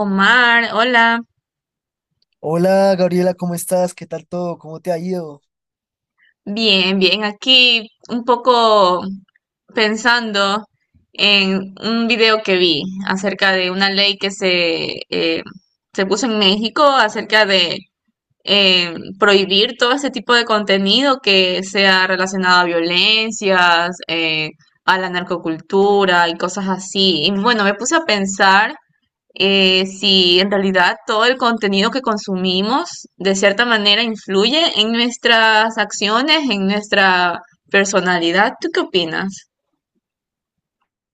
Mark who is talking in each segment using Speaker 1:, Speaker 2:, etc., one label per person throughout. Speaker 1: Omar, hola.
Speaker 2: Hola Gabriela, ¿cómo estás? ¿Qué tal todo? ¿Cómo te ha ido?
Speaker 1: Bien, bien. Aquí un poco pensando en un video que vi acerca de una ley que se puso en México acerca de eh, prohibir todo este tipo de contenido que sea relacionado a violencias, a la narcocultura y cosas así. Y bueno, me puse a pensar. Si en realidad todo el contenido que consumimos de cierta manera influye en nuestras acciones, en nuestra personalidad. ¿Tú qué opinas?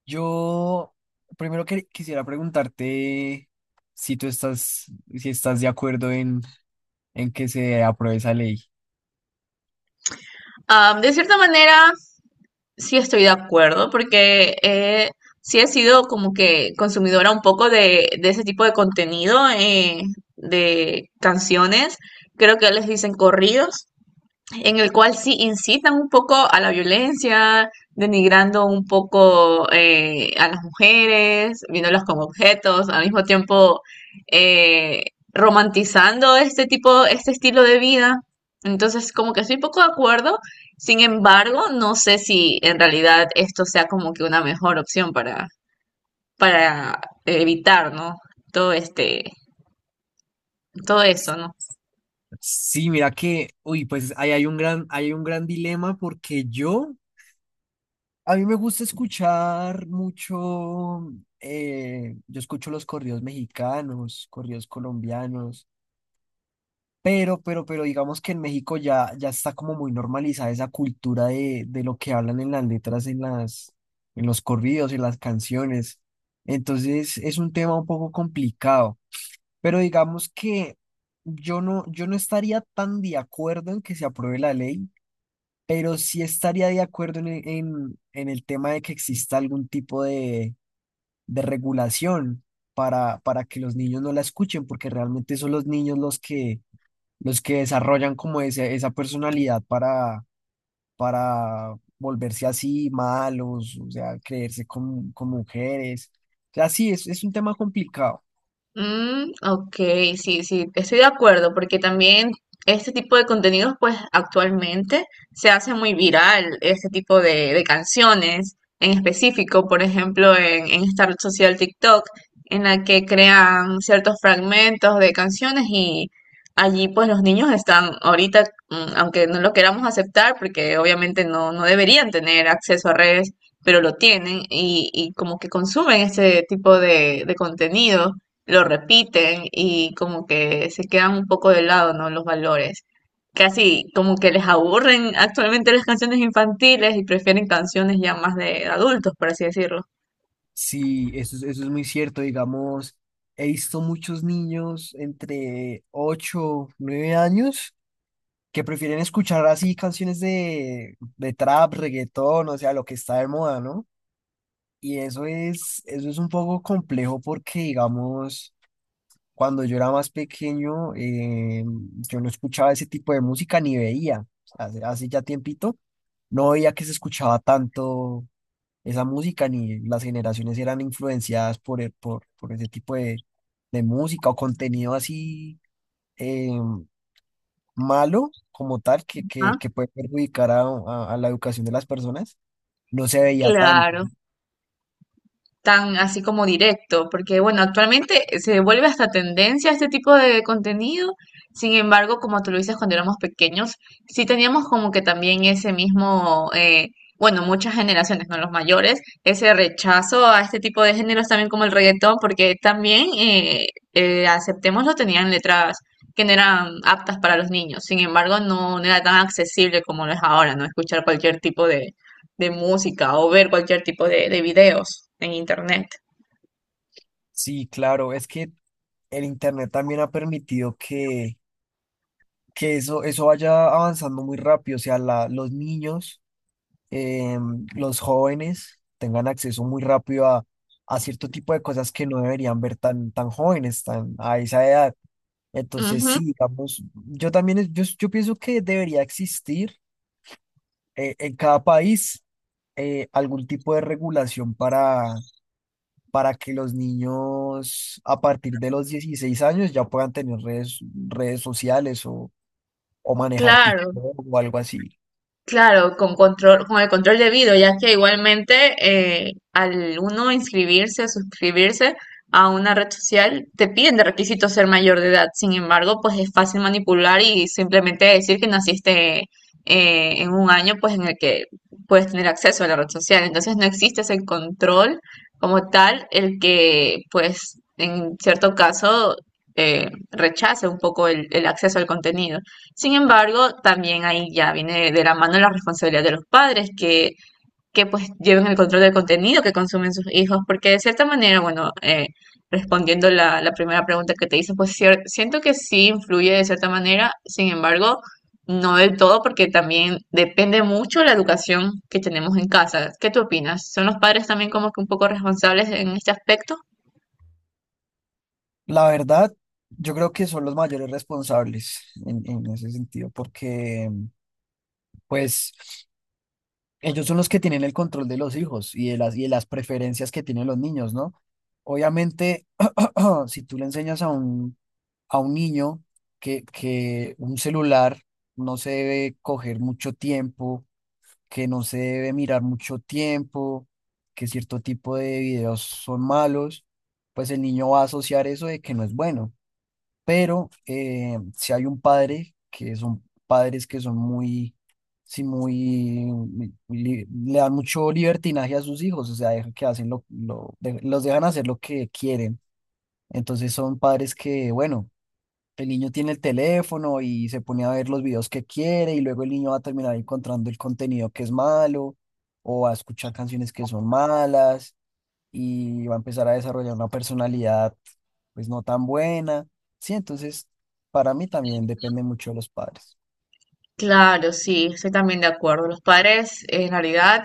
Speaker 2: Yo primero quisiera preguntarte si tú estás, si estás de acuerdo en que se apruebe esa ley.
Speaker 1: Ah, de cierta manera, sí estoy de acuerdo porque sí he sido como que consumidora un poco de ese tipo de contenido, de canciones. Creo que les dicen corridos, en el cual sí incitan un poco a la violencia, denigrando un poco a las mujeres, viéndolas como objetos, al mismo tiempo eh, romantizando este estilo de vida. Entonces, como que estoy un poco de acuerdo, sin embargo, no sé si en realidad esto sea como que una mejor opción para evitar, ¿no? Todo este, Todo eso, ¿no?
Speaker 2: Sí, mira que, uy, pues ahí hay hay un gran dilema porque a mí me gusta escuchar mucho, yo escucho los corridos mexicanos, corridos colombianos. Pero digamos que en México ya está como muy normalizada esa cultura de lo que hablan en las letras, en los corridos, en las canciones. Entonces es un tema un poco complicado. Pero digamos que yo no estaría tan de acuerdo en que se apruebe la ley, pero sí estaría de acuerdo en el tema de que exista algún tipo de regulación para que los niños no la escuchen, porque realmente son los niños los que desarrollan como esa personalidad para volverse así malos, o sea, creerse con mujeres. O sea, sí, es un tema complicado.
Speaker 1: Mm, ok, sí, sí, estoy de acuerdo, porque también este tipo de contenidos, pues actualmente se hace muy viral, este tipo de canciones en específico, por ejemplo, en esta red social TikTok, en la que crean ciertos fragmentos de canciones y allí pues los niños están ahorita, aunque no lo queramos aceptar, porque obviamente no, no deberían tener acceso a redes, pero lo tienen y como que consumen este tipo de contenido lo repiten y como que se quedan un poco de lado, ¿no? Los valores. Casi como que les aburren actualmente las canciones infantiles y prefieren canciones ya más de adultos, por así decirlo.
Speaker 2: Sí, eso es muy cierto. Digamos, he visto muchos niños entre 8 o 9 años que prefieren escuchar así canciones de trap, reggaetón, o sea, lo que está de moda, ¿no? Y eso es un poco complejo porque, digamos, cuando yo era más pequeño, yo no escuchaba ese tipo de música ni veía. Hace ya tiempito, no veía que se escuchaba tanto esa música, ni las generaciones eran influenciadas por ese tipo de música o contenido así eh, malo como tal,
Speaker 1: Ajá,
Speaker 2: que puede perjudicar a la educación de las personas. No se veía tanto.
Speaker 1: claro. Tan así como directo, porque bueno, actualmente se vuelve hasta tendencia este tipo de contenido, sin embargo, como tú lo dices cuando éramos pequeños, sí teníamos como que también ese mismo, bueno, muchas generaciones, no los mayores, ese rechazo a este tipo de géneros también como el reggaetón, porque también, aceptémoslo, tenían letras que no eran aptas para los niños, sin embargo, no, no era tan accesible como lo es ahora, ¿no? Escuchar cualquier tipo de música o ver cualquier tipo de videos en internet.
Speaker 2: Sí, claro, es que el Internet también ha permitido que eso vaya avanzando muy rápido, o sea, los niños, los jóvenes tengan acceso muy rápido a cierto tipo de cosas que no deberían ver tan jóvenes, tan a esa edad. Entonces,
Speaker 1: Ujú,
Speaker 2: sí, digamos, yo también, yo pienso que debería existir en cada país algún tipo de regulación para que los niños a partir de los 16 años ya puedan tener redes, redes sociales o manejar
Speaker 1: claro.
Speaker 2: TikTok o algo así.
Speaker 1: Claro, con el control debido, ya que igualmente al uno inscribirse o suscribirse a una red social, te piden de requisito ser mayor de edad. Sin embargo, pues es fácil manipular y simplemente decir que naciste en un año pues en el que puedes tener acceso a la red social. Entonces no existe ese control como tal, el que pues en cierto caso rechace un poco el acceso al contenido. Sin embargo, también ahí ya viene de la mano la responsabilidad de los padres que pues lleven el control del contenido que consumen sus hijos, porque de cierta manera, bueno, respondiendo la primera pregunta que te hice, pues siento que sí influye de cierta manera, sin embargo, no del todo, porque también depende mucho la educación que tenemos en casa. ¿Qué tú opinas? ¿Son los padres también como que un poco responsables en este aspecto?
Speaker 2: La verdad, yo creo que son los mayores responsables en ese sentido, porque pues ellos son los que tienen el control de los hijos y de y de las preferencias que tienen los niños, ¿no? Obviamente, si tú le enseñas a un niño que un celular no se debe coger mucho tiempo, que no se debe mirar mucho tiempo, que cierto tipo de videos son malos, pues el niño va a asociar eso de que no es bueno, pero si hay un padre que son padres que son muy, sí, le dan mucho libertinaje a sus hijos, o sea, dejan que hacen los dejan hacer lo que quieren. Entonces son padres que, bueno, el niño tiene el teléfono y se pone a ver los videos que quiere y luego el niño va a terminar encontrando el contenido que es malo o a escuchar canciones que son malas y va a empezar a desarrollar una personalidad pues no tan buena. Sí, entonces para mí también depende mucho de los padres.
Speaker 1: Claro, sí, estoy también de acuerdo. Los padres, en realidad,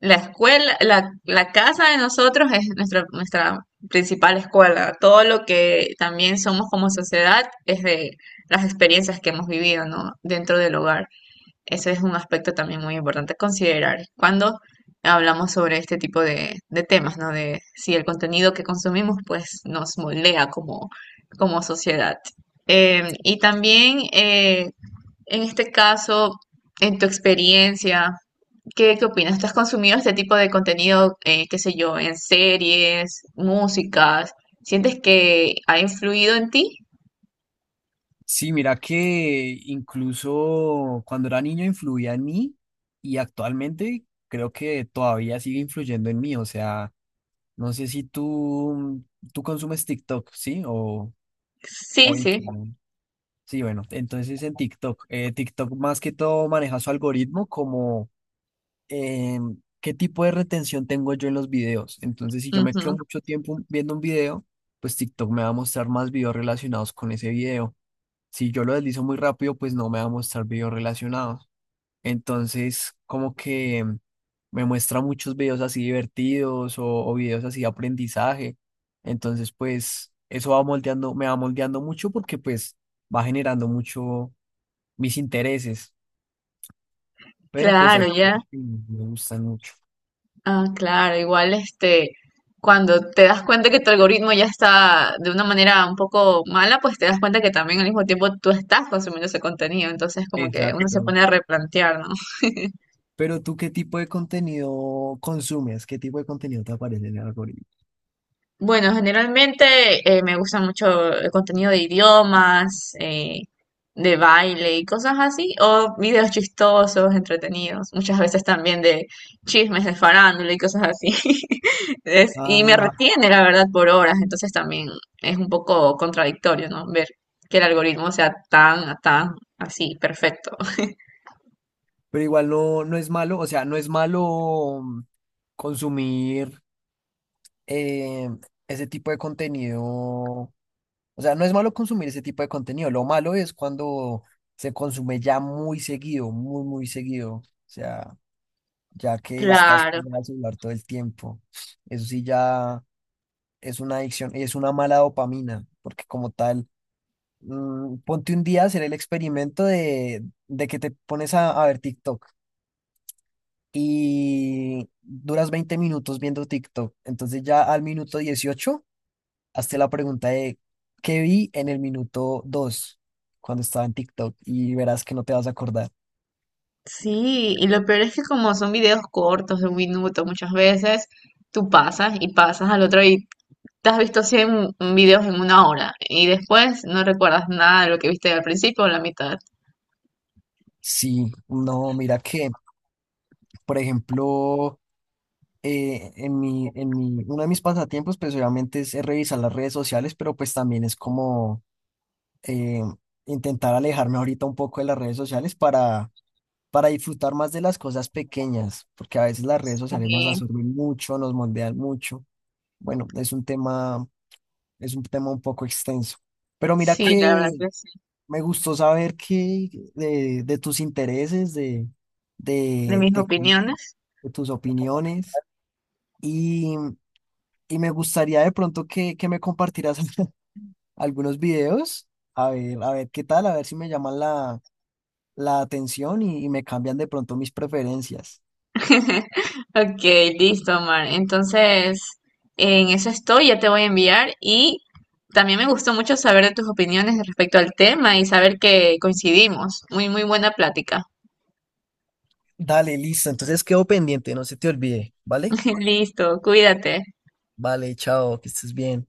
Speaker 1: la escuela, la casa de nosotros es nuestra principal escuela. Todo lo que también somos como sociedad es de las experiencias que hemos vivido, ¿no? Dentro del hogar. Ese es un aspecto también muy importante a considerar cuando hablamos sobre este tipo de temas, ¿no? De si el contenido que consumimos, pues, nos moldea como sociedad. Y también, en este caso, en tu experiencia, ¿qué opinas? ¿Tú has consumido este tipo de contenido, qué sé yo, en series, músicas? ¿Sientes que ha influido en ti?
Speaker 2: Sí, mira que incluso cuando era niño influía en mí y actualmente creo que todavía sigue influyendo en mí. O sea, no sé si tú consumes TikTok, ¿sí? O
Speaker 1: Sí, sí.
Speaker 2: Instagram. Sí, bueno, entonces en TikTok, TikTok más que todo maneja su algoritmo como eh, qué tipo de retención tengo yo en los videos. Entonces, si yo me quedo
Speaker 1: Ujú.
Speaker 2: mucho tiempo viendo un video, pues TikTok me va a mostrar más videos relacionados con ese video. Si yo lo deslizo muy rápido, pues no me va a mostrar videos relacionados. Entonces, como que me muestra muchos videos así divertidos o videos así de aprendizaje. Entonces, pues eso va moldeando, me va moldeando mucho porque pues va generando mucho mis intereses, pero pues hay
Speaker 1: Claro,
Speaker 2: que
Speaker 1: ya.
Speaker 2: me gustan mucho.
Speaker 1: Ah, claro, igual cuando te das cuenta que tu algoritmo ya está de una manera un poco mala, pues te das cuenta que también al mismo tiempo tú estás consumiendo ese contenido, entonces como que uno se
Speaker 2: Exacto.
Speaker 1: pone a replantear, ¿no?
Speaker 2: Pero tú, ¿qué tipo de contenido consumes? ¿Qué tipo de contenido te aparece en el algoritmo?
Speaker 1: Bueno, generalmente me gusta mucho el contenido de idiomas, de baile y cosas así, o videos chistosos, entretenidos, muchas veces también de chismes de farándula y cosas así. Y me
Speaker 2: Ah,
Speaker 1: retiene, la verdad, por horas, entonces también es un poco contradictorio, ¿no? Ver que el algoritmo sea tan, tan así, perfecto.
Speaker 2: pero igual no, no es malo, o sea, no es malo, mm, consumir eh, ese tipo de contenido. O sea, no es malo consumir ese tipo de contenido. Lo malo es cuando se consume ya muy seguido, muy seguido. O sea, ya que estás
Speaker 1: Claro,
Speaker 2: con el celular todo el tiempo. Eso sí ya es una adicción, es una mala dopamina, porque como tal, mm, ponte un día a hacer el experimento de que te pones a ver TikTok y duras 20 minutos viendo TikTok. Entonces ya al minuto 18 hazte la pregunta de ¿qué vi en el minuto 2 cuando estaba en TikTok? Y verás que no te vas a acordar.
Speaker 1: sí, y lo peor es que como son videos cortos de 1 minuto muchas veces, tú pasas y pasas al otro. Te has visto 100 videos en 1 hora y después no recuerdas nada de lo que viste al principio o la mitad.
Speaker 2: Sí, no, mira que, por ejemplo, en uno de mis pasatiempos, pues obviamente es revisar las redes sociales, pero pues también es como eh, intentar alejarme ahorita un poco de las redes sociales para disfrutar más de las cosas pequeñas, porque a veces las redes sociales nos
Speaker 1: Sí,
Speaker 2: absorben mucho, nos moldean mucho. Bueno, es un tema un poco extenso. Pero mira
Speaker 1: sí, la verdad
Speaker 2: que
Speaker 1: que sí,
Speaker 2: me gustó saber que de tus intereses,
Speaker 1: de
Speaker 2: de,
Speaker 1: mis
Speaker 2: de cu-
Speaker 1: opiniones.
Speaker 2: de tus opiniones, y, y me gustaría de pronto que me compartieras algunos videos. A ver qué tal, a ver si me llaman la atención y me cambian de pronto mis preferencias.
Speaker 1: Ok, listo, Omar. Entonces, en eso estoy, ya te voy a enviar y también me gustó mucho saber de tus opiniones respecto al tema y saber que coincidimos. Muy, muy buena plática.
Speaker 2: Dale, listo. Entonces quedo pendiente, no se te olvide, ¿vale?
Speaker 1: Listo, cuídate.
Speaker 2: Vale, chao, que estés bien.